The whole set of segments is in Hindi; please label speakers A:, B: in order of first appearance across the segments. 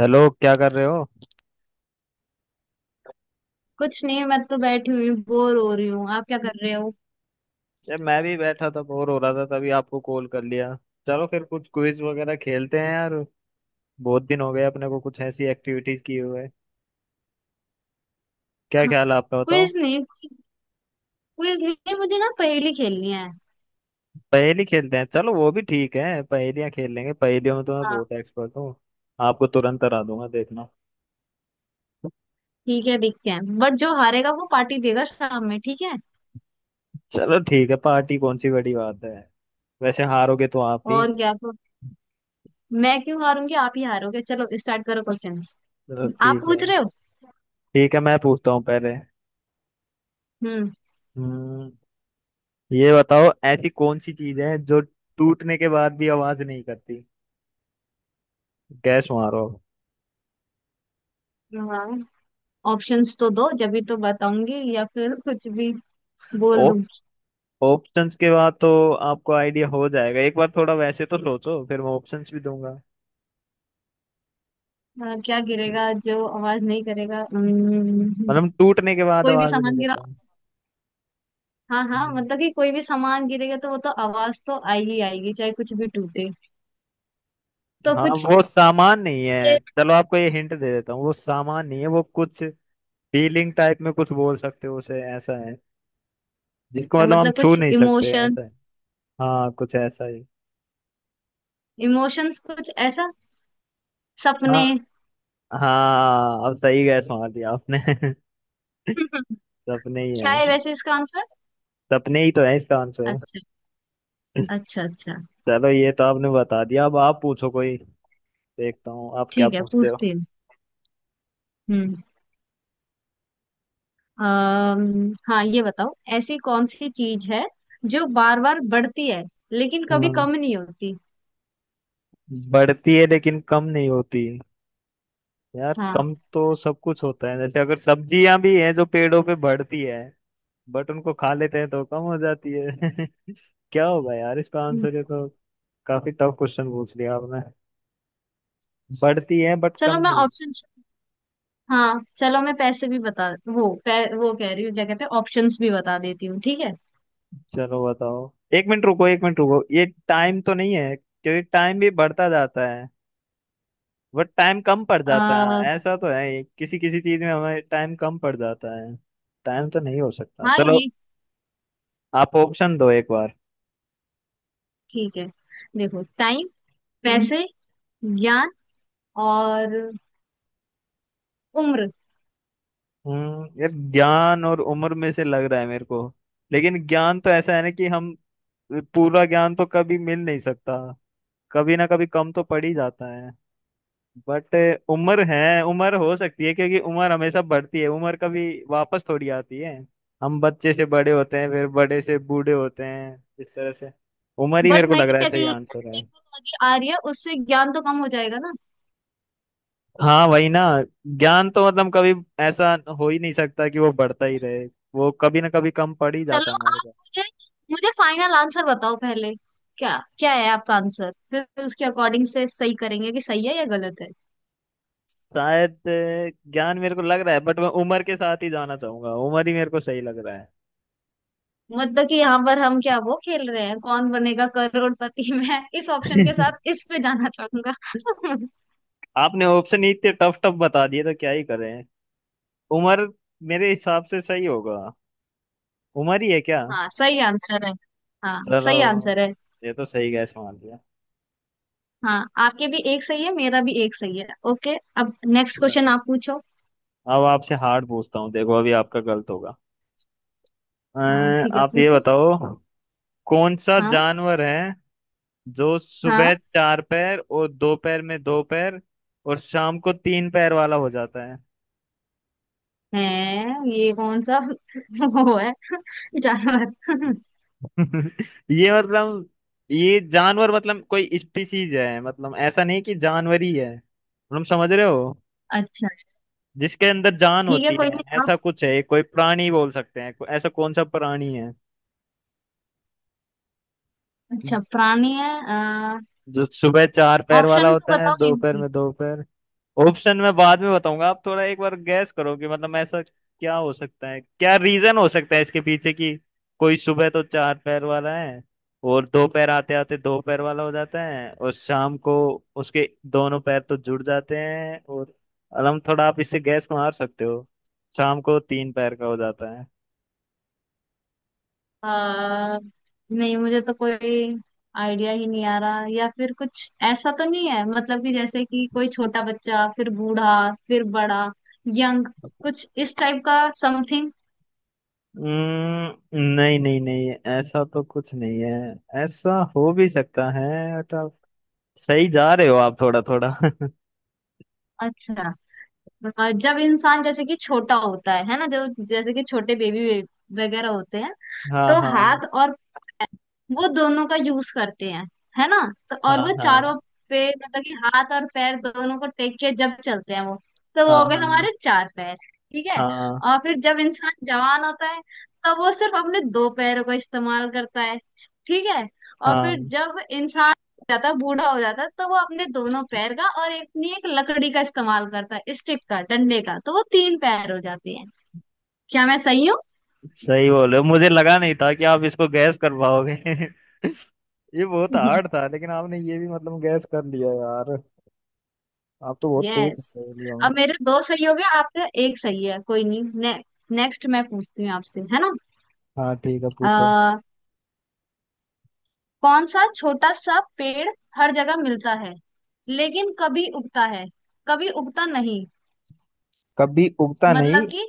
A: हेलो, क्या कर रहे हो?
B: कुछ नहीं। मैं तो बैठी हुई बोर हो रही हूँ। आप क्या कर रहे हो?
A: यार, मैं भी बैठा था, बोर हो रहा था, तभी आपको कॉल कर लिया। चलो फिर कुछ क्विज वगैरह खेलते हैं यार। बहुत दिन हो गए अपने को कुछ ऐसी एक्टिविटीज किए हुए। क्या ख्याल है आपका, बताओ।
B: क्विज नहीं, क्विज। क्विज नहीं, मुझे ना पहेली खेलनी है।
A: पहेली खेलते हैं, चलो वो भी ठीक है, पहेलियाँ खेल लेंगे। पहेलियों में तो मैं
B: हाँ।
A: बहुत एक्सपर्ट हूँ। आपको तुरंत हरा दूंगा, देखना।
B: ठीक है, देखते हैं। बट जो हारेगा वो पार्टी देगा शाम में, ठीक है।
A: चलो ठीक है, पार्टी कौन सी बड़ी बात है। वैसे हारोगे तो आप ही।
B: और क्या। तो मैं क्यों हारूंगी? आप ही हारोगे। चलो स्टार्ट करो क्वेश्चंस।
A: चलो
B: आप
A: ठीक है।
B: पूछ रहे हो?
A: ठीक है, मैं पूछता हूँ पहले।
B: हम्म।
A: हम्म, ये बताओ, ऐसी कौन सी चीज है जो टूटने के बाद भी आवाज नहीं करती? गैस मारो।
B: हाँ, ऑप्शंस तो दो। जब भी तो बताऊंगी या फिर कुछ भी बोल
A: ओप
B: दूं।
A: ऑप्शंस के बाद तो आपको आइडिया हो जाएगा, एक बार थोड़ा वैसे तो सोचो, फिर मैं ऑप्शंस भी दूंगा।
B: हाँ, क्या गिरेगा जो आवाज नहीं करेगा?
A: मतलब टूटने के बाद
B: कोई भी
A: आवाज नहीं
B: सामान गिरा।
A: करता।
B: हाँ हाँ,
A: हम्म,
B: मतलब कि कोई भी सामान गिरेगा तो वो तो आवाज तो आई ही आएगी, चाहे कुछ भी टूटे। तो
A: हाँ
B: कुछ
A: वो सामान नहीं है।
B: ये।
A: चलो आपको ये हिंट दे देता हूँ, वो सामान नहीं है, वो कुछ फीलिंग टाइप में कुछ बोल सकते हो उसे, ऐसा है। जिसको
B: अच्छा,
A: मतलब हम
B: मतलब
A: छू
B: कुछ
A: नहीं सकते, ऐसा है।
B: इमोशंस।
A: हाँ, कुछ ऐसा ही।
B: इमोशंस, कुछ ऐसा,
A: हाँ,
B: सपने।
A: हाँ, अब सही गैस मार दिया आपने। सपने ही
B: क्या
A: है,
B: है वैसे इसका आंसर?
A: सपने ही तो है इसका आंसर।
B: अच्छा। अच्छा अच्छा।
A: चलो ये तो आपने बता दिया, अब आप पूछो कोई, देखता हूँ आप क्या
B: ठीक है,
A: पूछते हो।
B: पूछती हूँ। हम्म हाँ ये बताओ, ऐसी कौन सी चीज है जो बार बार बढ़ती है लेकिन कभी
A: हाँ,
B: कम नहीं होती?
A: बढ़ती है लेकिन कम नहीं होती। यार,
B: हाँ।
A: कम तो सब कुछ होता है, जैसे अगर सब्जियां भी हैं जो पेड़ों पे बढ़ती है, बट उनको खा लेते हैं तो कम हो जाती है। क्या होगा यार इसका आंसर,
B: हम्म।
A: ये तो काफी टफ क्वेश्चन पूछ लिया आपने। बढ़ती है बट कम
B: चलो मैं
A: नहीं।
B: ऑप्शन। हाँ चलो, मैं पैसे भी बता, वो कह रही हूँ क्या कहते हैं, ऑप्शंस भी बता देती हूँ, ठीक है।
A: चलो बताओ। एक मिनट रुको, एक मिनट रुको, ये टाइम तो नहीं है? क्योंकि टाइम भी बढ़ता जाता है, बट टाइम कम पड़ जाता
B: आ,
A: है, ऐसा तो है किसी किसी चीज में हमें टाइम कम पड़ जाता है। टाइम तो नहीं हो सकता,
B: हाँ
A: चलो
B: ये
A: आप ऑप्शन दो एक बार।
B: ठीक है। देखो, टाइम, पैसे, ज्ञान, और उम्र।
A: यार, ज्ञान और उम्र में से लग रहा है मेरे को। लेकिन ज्ञान तो ऐसा है ना कि हम पूरा ज्ञान तो कभी मिल नहीं सकता, कभी ना कभी कम तो पड़ ही जाता है। बट उम्र है, उम्र हो सकती है, क्योंकि उम्र हमेशा बढ़ती है, उम्र कभी वापस थोड़ी आती है। हम बच्चे से बड़े होते हैं, फिर बड़े से बूढ़े होते हैं, इस तरह से उम्र ही मेरे
B: बट
A: को लग
B: नई
A: रहा है सही आंसर है।
B: टेक्नोलॉजी आ रही है, उससे ज्ञान तो कम हो जाएगा ना।
A: हाँ वही ना, ज्ञान तो मतलब कभी ऐसा हो ही नहीं सकता कि वो बढ़ता ही रहे, वो कभी ना कभी कम पड़ ही जाता
B: चलो
A: है हमारे
B: आप
A: पास।
B: मुझे, फाइनल आंसर बताओ पहले। क्या क्या है आपका आंसर? फिर उसके अकॉर्डिंग से सही करेंगे कि सही है या गलत है।
A: शायद ज्ञान मेरे को लग रहा है, बट मैं उम्र के साथ ही जाना चाहूंगा, उम्र ही मेरे को सही लग रहा
B: मतलब कि यहाँ पर हम क्या वो खेल रहे हैं, कौन बनेगा करोड़पति? मैं इस ऑप्शन के
A: है।
B: साथ इस पे जाना चाहूंगा।
A: आपने ऑप्शन ही इतने टफ टफ बता दिए, तो क्या ही करें। उमर मेरे हिसाब से सही होगा, उमर ही है क्या?
B: हाँ सही आंसर है। हाँ
A: चलो,
B: सही आंसर है।
A: ये तो सही गैस मान लिया।
B: हाँ, आपके भी एक सही है, मेरा भी एक सही है। ओके, अब नेक्स्ट क्वेश्चन
A: Right.
B: आप पूछो।
A: अब आपसे हार्ड पूछता हूँ, देखो अभी आपका गलत होगा। अ,
B: हाँ ठीक है,
A: आप ये
B: पूछो।
A: बताओ, कौन सा
B: हाँ।
A: जानवर है जो सुबह
B: हाँ।
A: चार पैर और दोपहर में दो पैर और शाम को तीन पैर वाला हो जाता है?
B: है। ये कौन सा वो है जानवर।
A: ये मतलब ये जानवर मतलब कोई स्पीसीज है, मतलब ऐसा नहीं कि जानवर ही है, मतलब समझ रहे हो।
B: अच्छा।
A: जिसके अंदर जान
B: ठीक है,
A: होती
B: कोई
A: है,
B: नहीं। आप।
A: ऐसा कुछ है, ये कोई प्राणी बोल सकते हैं। ऐसा कौन सा प्राणी है
B: अच्छा प्राणी है।
A: जो सुबह चार पैर वाला
B: ऑप्शन तो
A: होता है,
B: बताओ एक
A: दोपहर
B: भी।
A: में दो पैर। ऑप्शन मैं बाद में बताऊंगा, आप थोड़ा एक बार गैस करो कि मतलब ऐसा क्या हो सकता है, क्या रीजन हो सकता है इसके पीछे कि कोई सुबह तो चार पैर वाला है, और दो पैर आते आते दो पैर वाला हो जाता है, और शाम को उसके दोनों पैर तो जुड़ जाते हैं, और अलम थोड़ा आप इससे गैस मार सकते हो, शाम को तीन पैर का हो जाता है।
B: आ, नहीं, मुझे तो कोई आइडिया ही नहीं आ रहा। या फिर कुछ ऐसा तो नहीं है मतलब कि, जैसे कि कोई छोटा बच्चा, फिर बूढ़ा, फिर बड़ा, यंग, कुछ इस टाइप का समथिंग।
A: नहीं नहीं नहीं, ऐसा तो कुछ नहीं है। ऐसा हो भी सकता है, बट आप सही जा रहे हो, आप थोड़ा थोड़ा।
B: अच्छा। जब इंसान जैसे कि छोटा होता है ना? जो जैसे कि छोटे बेबी वगैरह होते हैं,
A: हाँ,
B: तो
A: हाँ,
B: हाथ और पैर, वो दोनों का यूज करते हैं, है ना? तो और
A: हाँ,
B: वो चारों
A: हाँ,
B: पे, मतलब कि हाथ और पैर दोनों को टेक के जब चलते हैं वो, तो वो
A: हाँ,
B: हो गए
A: हाँ,
B: हमारे चार पैर, ठीक है।
A: हाँ,
B: और फिर जब इंसान जवान होता है, तब वो सिर्फ अपने दो पैरों का इस्तेमाल करता है, ठीक है। और फिर
A: हाँ,
B: जब इंसान हो जाता है, बूढ़ा हो जाता है, तो वो अपने दोनों पैर का और एक अपनी एक लकड़ी का इस्तेमाल करता है, स्टिक का, डंडे का, तो वो तीन पैर हो जाते हैं। क्या मैं सही हूँ?
A: सही बोल रहे हो। मुझे लगा नहीं था कि आप इसको गैस कर पाओगे। ये बहुत हार्ड था, लेकिन आपने ये भी मतलब गैस कर लिया यार। आप तो बहुत तेज हो
B: यस।
A: पहेलियों में।
B: अब मेरे दो सही हो गए, आपका एक सही है। कोई नहीं, नेक्स्ट मैं पूछती हूँ आपसे, है ना?
A: हाँ ठीक है, पूछो।
B: आ, कौन सा छोटा सा पेड़ हर जगह मिलता है, लेकिन कभी उगता है कभी उगता नहीं?
A: कभी उगता नहीं?
B: मतलब कि,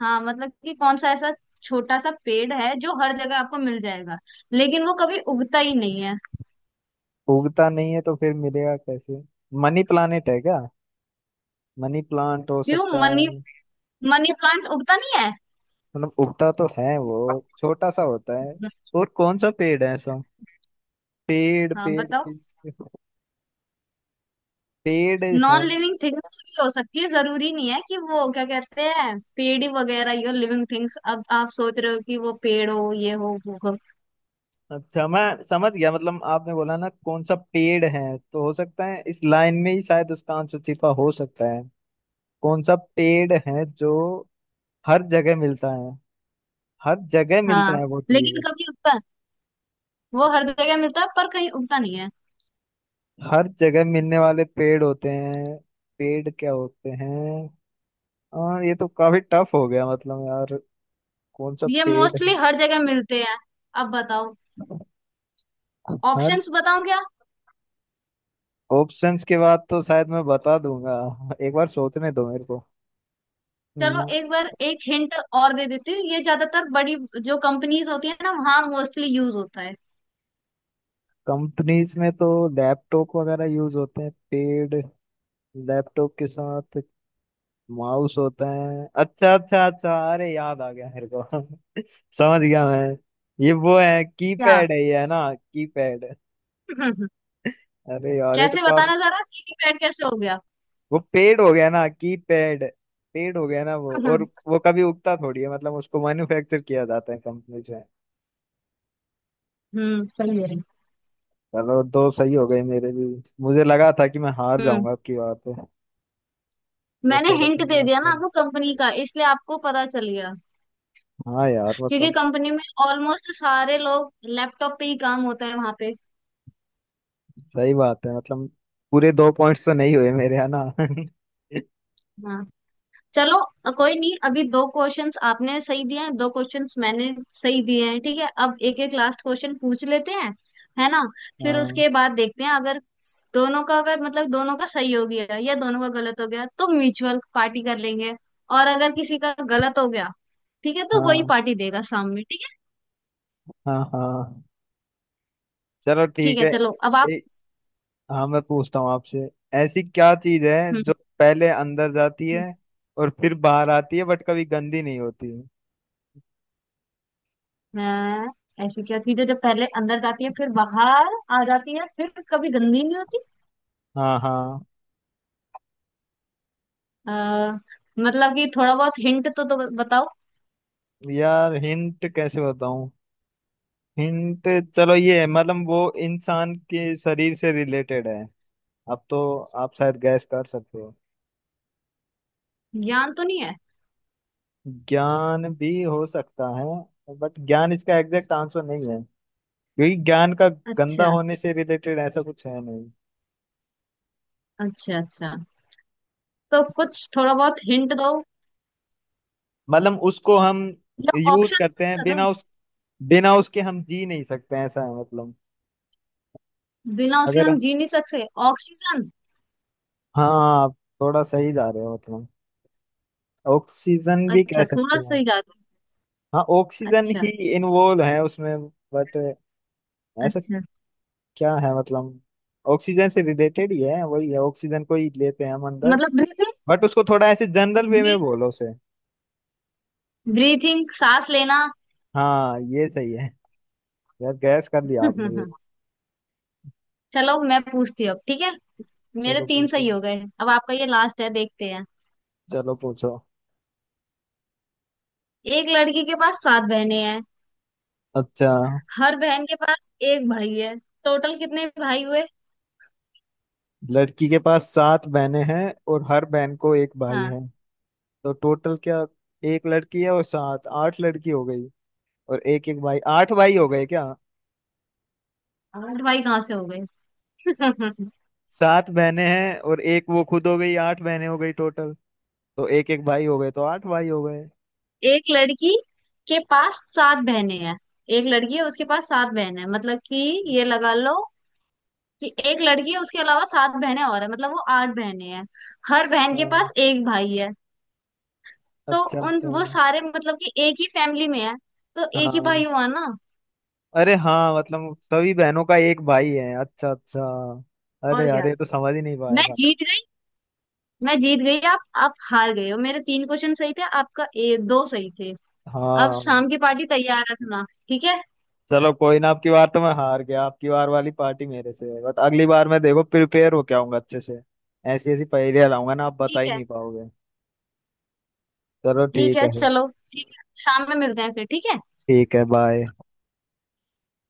B: हाँ मतलब कि कौन सा ऐसा छोटा सा पेड़ है जो हर जगह आपको मिल जाएगा लेकिन वो कभी उगता ही नहीं है?
A: उगता नहीं है तो फिर मिलेगा कैसे? मनी प्लानेट है क्या? मनी प्लांट हो
B: क्यों
A: सकता
B: मनी?
A: है,
B: मनी प्लांट उगता नहीं है?
A: मतलब उगता तो है, वो छोटा सा होता है। और कौन सा पेड़ है ऐसा? पेड़
B: हाँ
A: पेड़
B: बताओ।
A: पेड़ पेड़ है।
B: नॉन लिविंग थिंग्स भी हो सकती है, जरूरी नहीं है कि वो क्या कहते हैं पेड़ ही वगैरह ही हो, लिविंग थिंग्स। अब आप सोच रहे हो कि वो पेड़ हो, ये हो, वो हो।
A: अच्छा, मैं समझ गया, मतलब आपने बोला ना कौन सा पेड़ है, तो हो सकता है इस लाइन में ही शायद उसका आंसर छिपा हो सकता है। कौन सा पेड़ है जो हर जगह मिलता है, हर जगह मिलता
B: हाँ
A: है वो
B: लेकिन
A: चीज?
B: कभी उगता, वो हर जगह मिलता है पर कहीं उगता नहीं है।
A: हर जगह मिलने वाले पेड़ होते हैं, पेड़ क्या होते हैं? और ये तो काफी टफ हो गया मतलब यार, कौन सा
B: ये
A: पेड़ है?
B: मोस्टली हर जगह मिलते हैं, अब बताओ।
A: हर
B: ऑप्शंस बताऊं क्या?
A: ऑप्शंस के बाद तो शायद मैं बता दूंगा, एक बार सोचने दो मेरे को।
B: चलो एक बार एक हिंट और दे देती हूँ। ये ज्यादातर बड़ी जो कंपनीज होती है ना, वहाँ मोस्टली यूज होता है।
A: कंपनीज में तो लैपटॉप वगैरह यूज होते हैं। पेड़, लैपटॉप के साथ माउस होता है। अच्छा, अच्छा, अच्छा, अरे याद आ गया मेरे को। समझ गया मैं, ये वो है
B: क्या?
A: कीपैड है, ये है ना कीपैड? अरे यार, ये तो
B: कैसे
A: काफी,
B: बताना जरा, कीपैड कैसे हो गया?
A: वो पेड़ हो गया ना कीपैड, पेड़ हो गया ना वो। और वो कभी उगता थोड़ी है, मतलब उसको मैन्युफैक्चर किया जाता है कंपनी।
B: हम्म, सही है।
A: चलो दो सही हो गए मेरे भी, मुझे लगा था कि मैं हार
B: हम्म।
A: जाऊंगा आपकी बात पे, पर
B: मैंने
A: थोड़ा सा
B: हिंट दे
A: प्रयास
B: दिया ना
A: कर।
B: आपको कंपनी का, इसलिए आपको पता चल गया।
A: हाँ यार,
B: क्योंकि
A: मतलब
B: कंपनी में ऑलमोस्ट सारे लोग लैपटॉप पे ही काम होता है वहां पे।
A: सही बात है मतलब। पूरे दो पॉइंट्स तो नहीं हुए मेरे, है ना?
B: हाँ। चलो कोई नहीं, अभी दो क्वेश्चंस आपने सही दिए हैं, दो क्वेश्चंस मैंने सही दिए हैं, ठीक है। अब एक एक लास्ट क्वेश्चन पूछ लेते हैं, है ना? फिर
A: हाँ,
B: उसके बाद देखते हैं, अगर दोनों का, अगर मतलब दोनों का सही हो गया या दोनों का गलत हो गया तो म्यूचुअल पार्टी कर लेंगे। और अगर किसी का गलत हो गया, ठीक है, तो वही
A: हाँ,
B: पार्टी देगा सामने, ठीक है।
A: हाँ, हाँ, चलो
B: ठीक
A: ठीक
B: है,
A: है।
B: चलो अब आप।
A: ए, हाँ, मैं पूछता हूँ आपसे, ऐसी क्या चीज है
B: हम्म
A: जो
B: हम्म।
A: पहले अंदर जाती है और फिर बाहर आती है, बट कभी गंदी नहीं होती?
B: हाँ। ऐसी क्या चीज है जब पहले अंदर जाती है फिर बाहर आ जाती है फिर कभी गंदी नहीं होती?
A: हाँ, हाँ,
B: आ, मतलब कि थोड़ा बहुत हिंट तो बताओ।
A: यार हिंट कैसे बताऊं? हिंट, चलो ये है, मतलब वो इंसान के शरीर से रिलेटेड है, अब तो आप शायद गैस कर सकते हो।
B: ज्ञान तो नहीं है?
A: ज्ञान भी हो सकता है, बट ज्ञान इसका एग्जैक्ट आंसर नहीं है, क्योंकि ज्ञान का गंदा
B: अच्छा
A: होने से रिलेटेड ऐसा कुछ है नहीं।
B: अच्छा अच्छा। तो कुछ थोड़ा बहुत हिंट दो
A: मतलब उसको हम
B: या
A: यूज
B: ऑप्शन
A: करते हैं,
B: दो।
A: बिना उस, बिना उसके हम जी नहीं सकते, ऐसा है मतलब।
B: बिना उसके
A: अगर,
B: हम जी नहीं सकते, ऑक्सीजन?
A: हाँ, आप थोड़ा सही जा रहे हो, मतलब ऑक्सीजन भी कह
B: अच्छा
A: सकते
B: थोड़ा
A: हो।
B: सही जा रहा
A: हाँ,
B: है।
A: ऑक्सीजन ही
B: अच्छा
A: इन्वॉल्व है उसमें, बट ऐसा
B: अच्छा,
A: क्या है, मतलब ऑक्सीजन से रिलेटेड ही है, वही है, ऑक्सीजन को ही लेते हैं हम अंदर,
B: मतलब।
A: बट उसको थोड़ा ऐसे जनरल वे में
B: ब्रीथिंग।
A: बोलो उसे।
B: ब्रीथिंग, सांस लेना।
A: हाँ ये सही है, यार गैस कर लिया आपने ये।
B: चलो मैं पूछती हूँ अब, ठीक है? मेरे
A: चलो
B: तीन सही
A: पूछो,
B: हो गए, अब आपका ये लास्ट है, देखते हैं।
A: चलो पूछो।
B: एक लड़की के पास सात बहनें हैं।
A: अच्छा,
B: हर बहन के पास एक भाई है। टोटल कितने भाई हुए?
A: लड़की के पास सात बहनें हैं और हर बहन को एक भाई
B: हाँ,
A: है, तो टोटल क्या? एक लड़की है और सात, आठ लड़की हो गई, और एक एक भाई, आठ भाई हो गए क्या?
B: आठ भाई कहाँ से हो गए?
A: सात बहनें हैं और एक वो खुद, हो गई आठ बहनें हो गई टोटल, तो एक एक भाई हो गए, तो आठ भाई हो गए।
B: एक लड़की के पास सात बहनें हैं। एक लड़की है, उसके पास सात बहनें हैं, मतलब कि, ये लगा लो कि एक लड़की है, उसके अलावा सात बहनें और है, मतलब वो आठ बहनें हैं। हर बहन के
A: हाँ,
B: पास एक भाई है, तो
A: अच्छा,
B: उन
A: अच्छा।
B: वो सारे मतलब कि एक ही फैमिली में है, तो एक ही भाई
A: हाँ,
B: हुआ ना।
A: अरे हाँ, मतलब सभी बहनों का एक भाई है। अच्छा, अच्छा, अरे
B: और
A: यार,
B: क्या।
A: ये तो समझ ही नहीं पाया
B: मैं
A: था।
B: जीत मैं जीत गई। आप हार गए हो। मेरे तीन क्वेश्चन सही थे, आपका दो सही थे। अब
A: हाँ,
B: शाम की पार्टी तैयार रखना, ठीक है?
A: चलो कोई ना, आपकी बार तो मैं हार गया, आपकी बार वाली पार्टी मेरे से है, बट अगली बार मैं देखो प्रिपेयर होके आऊंगा अच्छे से। ऐसी ऐसी पहेलियां लाऊंगा ना, आप बता
B: ठीक
A: ही
B: है।
A: नहीं पाओगे। चलो
B: ठीक
A: ठीक
B: है
A: है फिर।
B: चलो, ठीक है, शाम में मिलते हैं फिर, ठीक है।
A: ठीक है, बाय।